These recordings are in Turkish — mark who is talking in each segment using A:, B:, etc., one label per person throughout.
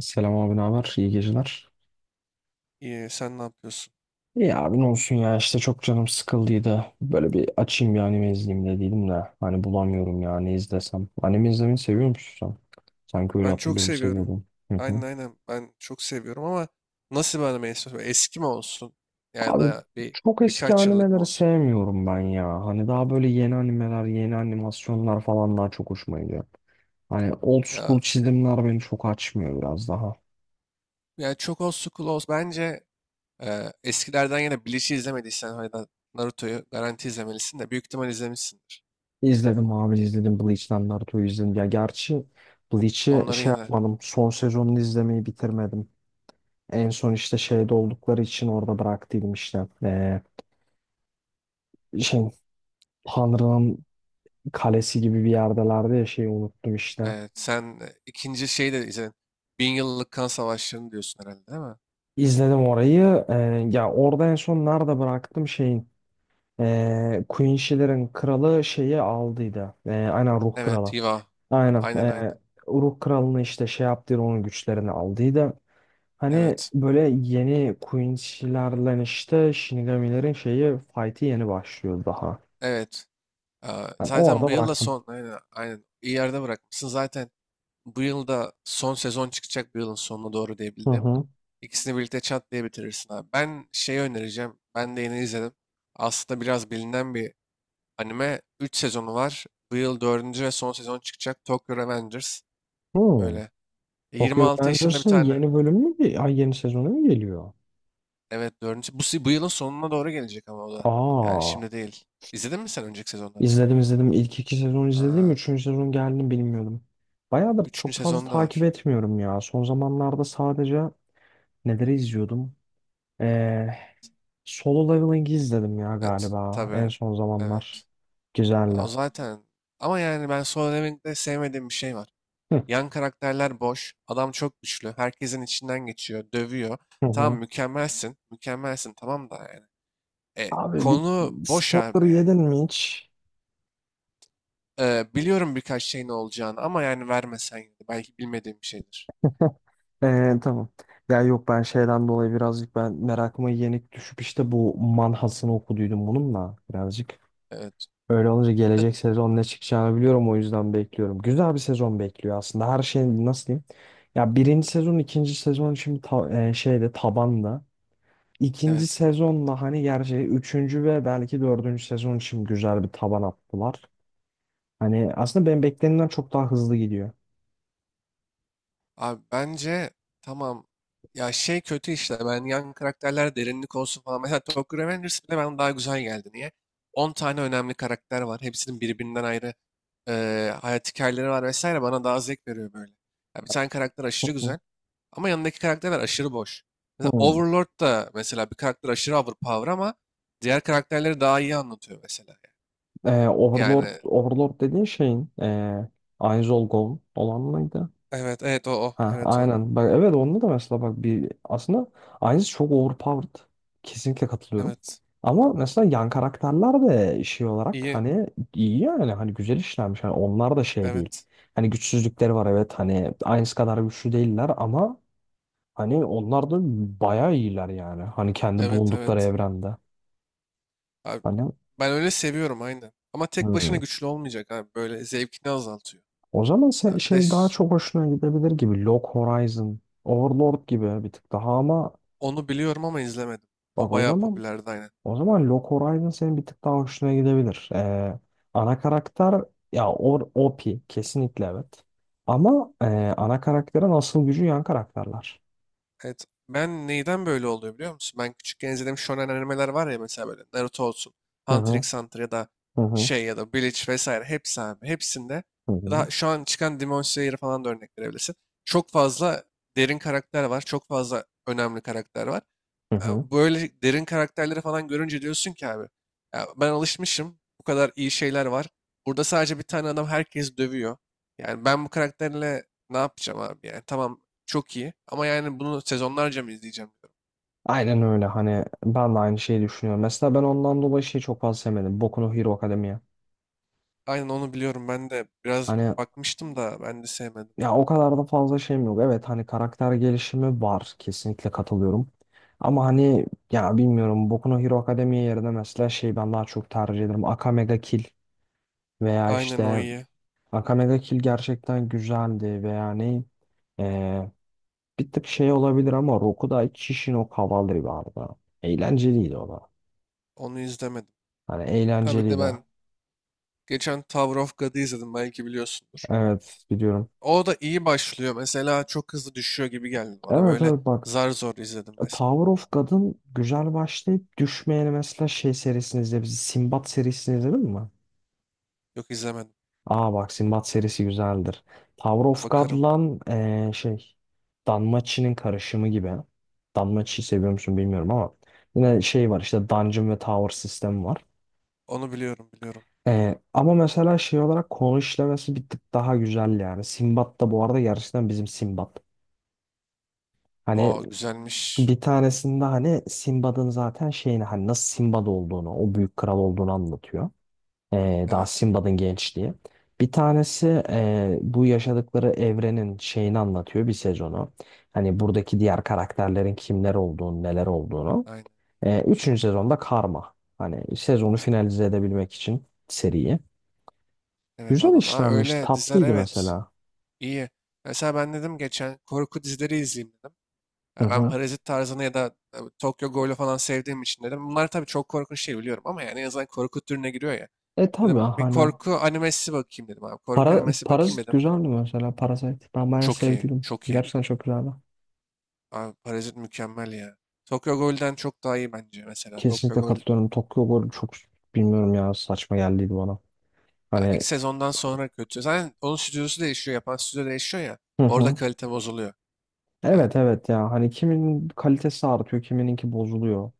A: Selam abi ne haber? İyi geceler.
B: İyi, sen ne yapıyorsun?
A: İyi abi ne olsun ya işte çok canım sıkıldıydı. Böyle bir açayım bir anime izleyeyim dediydim de. Hani bulamıyorum ya ne izlesem. Anime izlemeyi seviyor musun sen? Sanki öyle
B: Ben çok
A: hatırlıyorum
B: seviyorum.
A: seviyordum. Hı
B: Aynen
A: hı.
B: aynen, ben çok seviyorum, ama nasıl bir anime istiyorsun? Eski mi olsun? Ya
A: Abi
B: da bir
A: çok eski
B: birkaç yıllık mı
A: animeleri
B: olsun?
A: sevmiyorum ben ya. Hani daha böyle yeni animeler, yeni animasyonlar falan daha çok hoşuma gidiyor. Hani old
B: Ya
A: school çizimler beni çok açmıyor biraz daha.
B: yani çok old school olsun. Bence eskilerden yine Bleach'i izlemediysen ya da Naruto'yu garanti izlemelisin, de büyük ihtimal izlemişsindir.
A: İzledim abi izledim Bleach'ten Naruto'yu izledim. Ya gerçi Bleach'i
B: Onları
A: şey
B: yine
A: yapmadım. Son sezonunu izlemeyi bitirmedim. En son işte şeyde oldukları için orada bıraktıydım işte. Şey, Tanrı'nın kalesi gibi bir yerdelerdi ya şeyi unuttum işte.
B: sen, ikinci şeyi de izledin. 1000 yıllık kan savaşlarını diyorsun herhalde, değil mi?
A: İzledim orayı. Ya orada en son nerede bıraktım şeyin. Queen Shiller'ın kralı şeyi aldıydı. Aynen ruh
B: Evet,
A: kralı.
B: Hiva.
A: Aynen.
B: Aynen aynen.
A: Uruk Kralı'nı işte şey yaptıydı onun güçlerini aldıydı. Hani
B: Evet.
A: böyle yeni Quincy'lerle işte Shinigami'lerin şeyi fight'i yeni başlıyor daha.
B: Evet.
A: Ben
B: Zaten
A: orada
B: bu yılda
A: bıraktım.
B: son, aynen, aynen iyi yerde bırakmışsın. Zaten bu yılda son sezon çıkacak, bu yılın sonuna doğru diye
A: Hı
B: bildim.
A: hı.
B: İkisini birlikte çat diye bitirirsin abi. Ben şeyi önereceğim, ben de yeni izledim. Aslında biraz bilinen bir anime. 3 sezonu var. Bu yıl dördüncü ve son sezon çıkacak. Tokyo Revengers.
A: Hmm.
B: Öyle. yirmi
A: Tokyo
B: altı yaşında bir
A: Revengers'ın
B: tane.
A: yeni bölümü mü? Ay yeni sezonu mu geliyor?
B: Evet, dördüncü. Bu, bu yılın sonuna doğru gelecek, ama o da. Yani
A: Aa.
B: şimdi değil. İzledin mi sen önceki sezonları?
A: İzledim izledim. İlk iki sezon izledim.
B: Aa,
A: Üçüncü sezon geldiğini bilmiyordum. Bayağıdır
B: üçüncü
A: çok fazla
B: sezonu da
A: takip
B: var.
A: etmiyorum ya. Son zamanlarda sadece neleri izliyordum? Ee, Solo Leveling'i izledim ya
B: Evet,
A: galiba en
B: tabii.
A: son
B: Evet.
A: zamanlar.
B: Ya
A: Güzeldi.
B: o zaten. Ama yani ben Solo Leveling'de sevmediğim bir şey var.
A: Hı,
B: Yan karakterler boş. Adam çok güçlü. Herkesin içinden geçiyor. Dövüyor.
A: hı
B: Tamam,
A: hı.
B: mükemmelsin. Mükemmelsin, tamam, da yani. E,
A: Abi bir
B: konu boş abi.
A: sportları yedin mi hiç?
B: E, biliyorum birkaç şeyin olacağını, ama yani vermesen yine de belki bilmediğim bir şeydir.
A: Tamam. Ya yok ben şeyden dolayı birazcık ben merakıma yenik düşüp işte bu manhasını okuduydum bununla birazcık.
B: Evet.
A: Öyle olunca gelecek sezon ne çıkacağını biliyorum o yüzden bekliyorum. Güzel bir sezon bekliyor aslında. Her şey nasıl diyeyim? Ya birinci sezon, ikinci sezon şimdi şeyde tabanda. İkinci
B: Evet.
A: sezonla hani gerçi üçüncü ve belki dördüncü sezon için güzel bir taban attılar. Hani aslında ben beklenenden çok daha hızlı gidiyor.
B: Abi bence tamam, ya şey kötü işte, ben yan karakterler derinlik olsun falan. Mesela Tokyo Revengers bile bana daha güzel geldi. Niye? 10 tane önemli karakter var. Hepsinin birbirinden ayrı hayat hikayeleri var vesaire, bana daha zevk veriyor böyle. Ya bir tane karakter aşırı
A: Hı.
B: güzel, ama yanındaki karakterler aşırı boş. Mesela
A: Hmm.
B: Overlord da, mesela bir karakter aşırı overpower, ama diğer karakterleri daha iyi anlatıyor mesela.
A: Overlord,
B: Yani
A: Overlord dediğin şeyin Aiz Ol Gold olan mıydı?
B: evet evet, o o
A: Ha,
B: evet, o
A: aynen. Bak evet onda da mesela bak bir aslında aynısı çok overpowered. Kesinlikle katılıyorum.
B: evet
A: Ama mesela yan karakterler de şey olarak
B: iyi,
A: hani iyi yani hani güzel işlenmiş. Hani onlar da şey değil.
B: evet
A: Hani güçsüzlükleri var evet hani aynısı kadar güçlü değiller ama hani onlar da bayağı iyiler yani. Hani kendi
B: evet
A: bulundukları
B: evet.
A: evrende.
B: Abi,
A: Hani
B: ben öyle seviyorum aynen. Ama tek başına
A: hmm.
B: güçlü olmayacak abi, böyle zevkini azaltıyor.
A: O zaman
B: Ha, bir de
A: şey daha çok hoşuna gidebilir gibi. Log Horizon, Overlord gibi bir tık daha ama
B: onu biliyorum, ama izlemedim. O
A: bak o
B: bayağı
A: zaman
B: popülerdi aynen.
A: Log Horizon senin bir tık daha hoşuna gidebilir. Ana karakter ya o OP kesinlikle evet. Ama ana karakterin asıl gücü yan karakterler.
B: Evet. Ben neyden böyle oluyor biliyor musun? Ben küçükken izlediğim shonen animeler var ya, mesela böyle Naruto olsun,
A: Hı
B: Hunter
A: hı
B: x Hunter ya da
A: hı hı
B: şey ya da Bleach vesaire hepsi abi. Hepsinde,
A: hı
B: ya
A: hı.
B: da şu an çıkan Demon Slayer'ı falan da örnek verebilirsin. Çok fazla derin karakter var. Çok fazla önemli karakter var.
A: Hı
B: Ya
A: hı.
B: böyle derin karakterleri falan görünce diyorsun ki abi, ya ben alışmışım, bu kadar iyi şeyler var. Burada sadece bir tane adam, herkes dövüyor. Yani ben bu karakterle ne yapacağım abi, yani tamam çok iyi, ama yani bunu sezonlarca mı izleyeceğim diyorum.
A: Aynen öyle hani ben de aynı şeyi düşünüyorum. Mesela ben ondan dolayı şeyi çok fazla sevmedim. Boku no Hero Academia.
B: Aynen, onu biliyorum, ben de biraz
A: Hani
B: bakmıştım da, ben de sevmedim.
A: ya o kadar da fazla şeyim yok. Evet hani karakter gelişimi var. Kesinlikle katılıyorum. Ama hani ya bilmiyorum Boku no Hero Academia yerine mesela şey ben daha çok tercih ederim. Akame ga Kill. Veya
B: Aynen, o
A: işte
B: iyi,
A: Akame ga Kill gerçekten güzeldi veya ne eee, bir tık şey olabilir ama Rokudai Kishin o Cavalry vardı. Eğlenceliydi o da.
B: onu izlemedim.
A: Hani
B: Ha, bir de
A: eğlenceliydi.
B: ben geçen Tower of God'u izledim, belki biliyorsundur.
A: Evet biliyorum.
B: O da iyi başlıyor mesela, çok hızlı düşüyor gibi geldi bana
A: Evet
B: böyle,
A: evet bak
B: zar zor izledim resmen.
A: Tower of God'ın güzel başlayıp düşmeyeni mesela şey serisini izle bizi Sinbad serisini izledin mi?
B: Yok, izlemedim.
A: Aa bak Sinbad serisi güzeldir. Tower of
B: Bakarım.
A: God'lan şey Danmachi'nin karışımı gibi. Danmachi'yi seviyor musun bilmiyorum ama yine şey var işte Dungeon ve Tower sistemi var.
B: Onu biliyorum biliyorum.
A: Ama mesela şey olarak konu işlemesi bir tık daha güzel yani. Sinbad da bu arada gerçekten bizim Sinbad. Hani
B: O güzelmiş.
A: bir tanesinde hani Sinbad'ın zaten şeyini hani nasıl Sinbad olduğunu, o büyük kral olduğunu anlatıyor. Daha
B: Evet.
A: Simba'nın gençliği. Bir tanesi bu yaşadıkları evrenin şeyini anlatıyor bir sezonu. Hani buradaki diğer karakterlerin kimler olduğunu, neler olduğunu.
B: Aynen.
A: Üçüncü sezonda Karma. Hani sezonu finalize edebilmek için seriyi.
B: Evet,
A: Güzel
B: anladım. Ha,
A: işlenmiş,
B: öyle diziler,
A: tatlıydı
B: evet.
A: mesela.
B: İyi. Mesela ben dedim geçen, korku dizileri izleyeyim dedim.
A: Hı
B: Ya ben
A: hı.
B: Parazit tarzını ya da Tokyo Ghoul'u falan sevdiğim için dedim. Bunlar tabii çok korkunç değil biliyorum, ama yani en azından korku türüne giriyor ya.
A: E tabii
B: Dedim bir
A: hani
B: korku animesi bakayım dedim abi. Korku animesi bakayım
A: Parazit
B: dedim.
A: güzeldi mesela Parazit. Ben bayağı
B: Çok iyi.
A: sevdim.
B: Çok iyi.
A: Gerçekten çok güzeldi.
B: Abi Parazit mükemmel ya. Tokyo Ghoul'den çok daha iyi bence mesela. Tokyo
A: Kesinlikle
B: Ghoul,
A: katılıyorum. Tokyo Ghoul çok bilmiyorum ya saçma geldiydi bana.
B: ya ilk
A: Hani
B: sezondan sonra kötü. Zaten onun stüdyosu değişiyor. Yapan stüdyo değişiyor ya.
A: hı
B: Orada
A: hı.
B: kalite bozuluyor. Yani
A: Evet evet ya hani kimin kalitesi artıyor kimininki bozuluyor.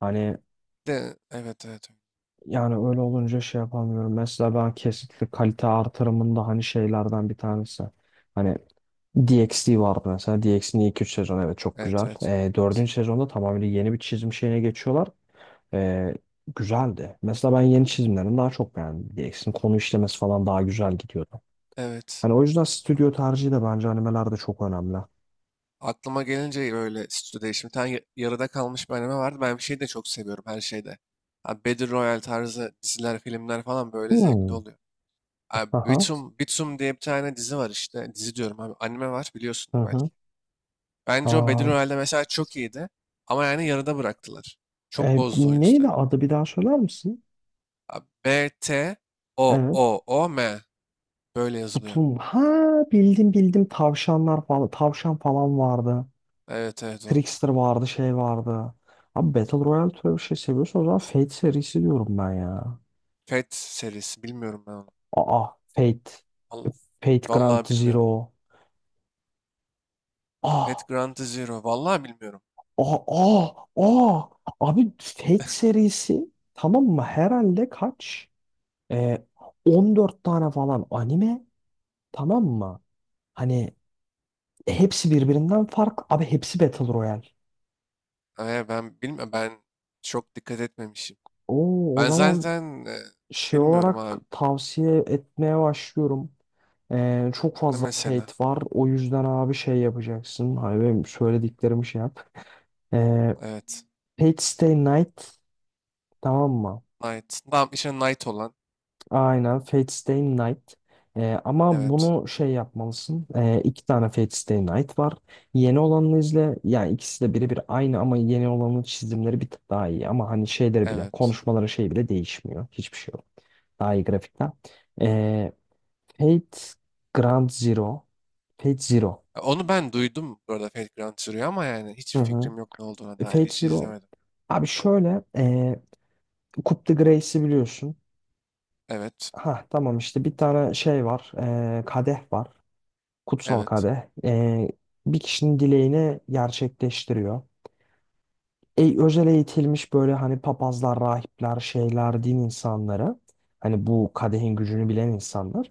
A: Hani
B: de evet evet.
A: yani öyle olunca şey yapamıyorum. Mesela ben kesinlikle kalite artırımında hani şeylerden bir tanesi. Hani DxD vardı mesela. DxD'nin ilk 3 sezonu evet çok
B: Evet
A: güzel.
B: evet.
A: 4. sezonda tamamen yeni bir çizim şeyine geçiyorlar. Ee, Güzeldi. Mesela ben yeni çizimlerini daha çok beğendim. DxD'nin konu işlemesi falan daha güzel gidiyordu.
B: Evet.
A: Hani o yüzden stüdyo tercihi de bence animelerde çok önemli.
B: Aklıma gelince böyle stüdyo değişimi. Bir tane yarıda kalmış bir anime vardı. Ben bir şeyi de çok seviyorum her şeyde. Abi Battle Royale tarzı diziler, filmler falan böyle zevkli
A: Hmm.
B: oluyor. Abi
A: Aha.
B: Bitum, Bitum diye bir tane dizi var işte. Dizi diyorum abi, anime var, biliyorsundur
A: Hı
B: belki. Bence o Battle
A: hı.
B: Royale'de mesela çok iyiydi. Ama yani yarıda bıraktılar. Çok
A: E,
B: bozdu o
A: neydi
B: yüzden.
A: adı bir daha söyler misin?
B: A, B, T, O,
A: Evet.
B: O, O, M. Böyle yazılıyor.
A: Kutum. Ha bildim bildim tavşanlar falan. Tavşan falan vardı.
B: Evet evet, o.
A: Trickster vardı şey vardı. Abi Battle Royale türü bir şey seviyorsan o zaman Fate serisi diyorum ben ya.
B: Pet serisi. Bilmiyorum ben onu.
A: Aa Fate.
B: Vallahi,
A: Fate Grand
B: vallahi bilmiyorum.
A: Zero. Ah,
B: Pet Grand Zero. Vallahi bilmiyorum.
A: ah, ah, ah. Abi Fate serisi tamam mı? Herhalde kaç? Ee, 14 tane falan anime tamam mı? Hani e, hepsi birbirinden farklı. Abi hepsi Battle Royale.
B: Ben bilmiyorum. Ben çok dikkat etmemişim.
A: Oo, o
B: Ben
A: zaman
B: zaten
A: şey
B: bilmiyorum
A: olarak
B: abi.
A: tavsiye etmeye başlıyorum. Çok
B: Ne
A: fazla
B: mesela?
A: Fate var. O yüzden abi şey yapacaksın. Hani benim söylediklerimi şey yap. Ee,
B: Evet.
A: Fate Stay Night tamam mı?
B: Knight. Tamam işte Knight olan.
A: Aynen Fate Stay Night. Ama
B: Evet.
A: bunu şey yapmalısın. İki tane Fate Stay Night var. Yeni olanını izle. Yani ikisi de birebir aynı ama yeni olanın çizimleri bir tık daha iyi. Ama hani şeyleri bile,
B: Evet.
A: konuşmaları şey bile değişmiyor. Hiçbir şey yok. Daha iyi grafikten. Ee, Fate Grand Zero. Fate Zero.
B: Ya, onu ben duydum bu arada Fate Grand Zero'yu, ama yani
A: Hı
B: hiçbir
A: hı.
B: fikrim yok ne olduğuna dair.
A: Fate
B: Hiç
A: Zero.
B: izlemedim.
A: Abi şöyle. E, Coup de Grace'i biliyorsun.
B: Evet.
A: Ha tamam işte bir tane şey var. Kadeh var. Kutsal
B: Evet.
A: Kadeh bir kişinin dileğini gerçekleştiriyor. Özel eğitilmiş böyle hani papazlar, rahipler, şeyler, din insanları hani bu kadehin gücünü bilen insanlar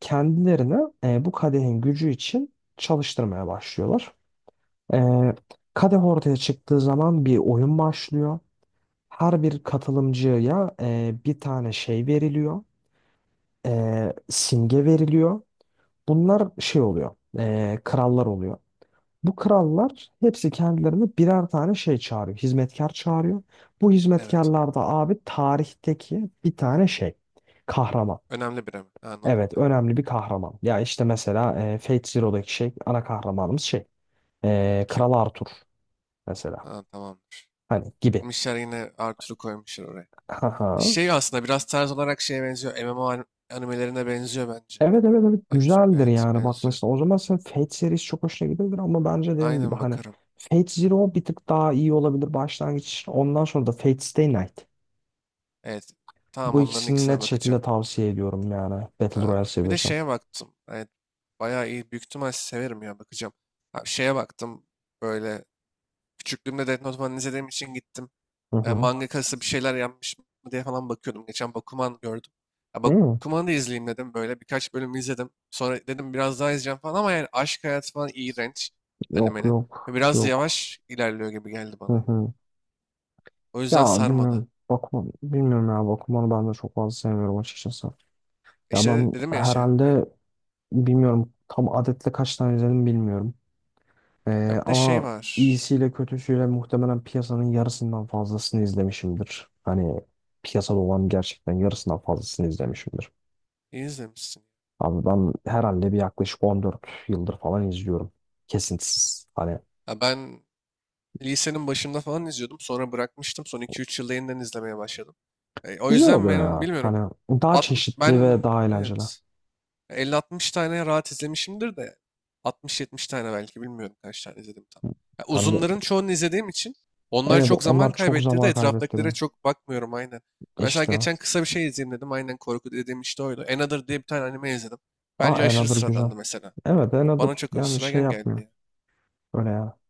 A: kendilerine bu kadehin gücü için çalıştırmaya başlıyorlar. E, Kadeh ortaya çıktığı zaman bir oyun başlıyor. Her bir katılımcıya bir tane şey veriliyor, simge veriliyor. Bunlar şey oluyor, krallar oluyor. Bu krallar hepsi kendilerine birer tane şey çağırıyor. Hizmetkar çağırıyor. Bu
B: Evet.
A: hizmetkarlar da abi tarihteki bir tane şey. Kahraman.
B: Önemli bir, ama. Anladım.
A: Evet
B: Ben.
A: önemli bir kahraman. Ya işte mesela Fate Zero'daki şey ana kahramanımız şey.
B: Kim?
A: Kral Arthur mesela.
B: Ha, tamamdır.
A: Hani gibi.
B: Mişler yine Arthur'u koymuşlar oraya.
A: Haha.
B: Şey, aslında biraz tarz olarak şeye benziyor. MMO animelerine benziyor bence.
A: Evet evet evet
B: Evet,
A: güzeldir
B: evet
A: yani bak
B: benziyor.
A: mesela o zaman sen Fate serisi çok hoşuna gidebilir ama bence dediğim gibi
B: Aynen,
A: hani
B: bakarım.
A: Fate Zero bir tık daha iyi olabilir başlangıç. Ondan sonra da Fate Stay Night.
B: Evet. Tamam,
A: Bu
B: onların
A: ikisini
B: ikisine
A: net
B: bakacağım.
A: şekilde tavsiye ediyorum yani. Battle
B: Ha,
A: Royale
B: bir de
A: seviyorsan.
B: şeye baktım. Evet. Bayağı iyi. Büyük ihtimal severim ya, bakacağım. Ha, şeye baktım. Böyle küçüklüğümde Death Note falan izlediğim için gittim.
A: Hı
B: e,
A: hı.
B: mangakası bir şeyler yapmış mı diye falan bakıyordum. Geçen Bakuman gördüm. Ya
A: Hı.
B: Bakuman'ı da izleyeyim dedim böyle. Birkaç bölüm izledim. Sonra dedim biraz daha izleyeceğim falan, ama yani aşk hayatı falan iğrenç
A: Yok
B: animenin.
A: yok
B: Ve biraz
A: yok.
B: yavaş ilerliyor gibi geldi
A: Hı
B: bana, ya.
A: hı.
B: O yüzden
A: Ya
B: sarmadı.
A: bilmiyorum. Bakma, bilmiyorum ya Bakuman'ı ben de çok fazla sevmiyorum açıkçası. Ya
B: İşte
A: ben
B: dedim ya şey. Aynen.
A: herhalde bilmiyorum tam adetle kaç tane izledim bilmiyorum.
B: Ya bir de şey
A: Ama
B: var.
A: iyisiyle kötüsüyle muhtemelen piyasanın yarısından fazlasını izlemişimdir. Hani piyasada olan gerçekten yarısından fazlasını izlemişimdir.
B: İyi izlemişsin.
A: Abi ben herhalde bir yaklaşık 14 yıldır falan izliyorum. Kesintisiz. Hani
B: Ya ben lisenin başında falan izliyordum. Sonra bırakmıştım. Son 2-3 yılda yeniden izlemeye başladım. O
A: güzel
B: yüzden
A: oluyor
B: ben
A: ya.
B: bilmiyorum.
A: Hani daha
B: At,
A: çeşitli ve
B: ben,
A: daha eğlenceli.
B: evet. 50-60 tane rahat izlemişimdir de, 60-70 tane belki bilmiyorum, kaç tane izledim tam. Ya
A: Sen de-
B: uzunların çoğunu izlediğim için onlar
A: evet
B: çok zaman
A: onlar çok
B: kaybettirdi.
A: zaman
B: Etraftakilere
A: kaybettiriyor.
B: çok bakmıyorum aynen. Ya mesela
A: İşte.
B: geçen kısa bir şey izleyeyim dedim. Aynen, korku dediğim işte oydu. Another diye bir tane anime izledim.
A: Aa
B: Bence aşırı
A: Another güzel.
B: sıradandı mesela.
A: Evet Another
B: Bana çok
A: yani şey
B: sıradan geldi
A: yapmıyor.
B: ya.
A: Öyle ya.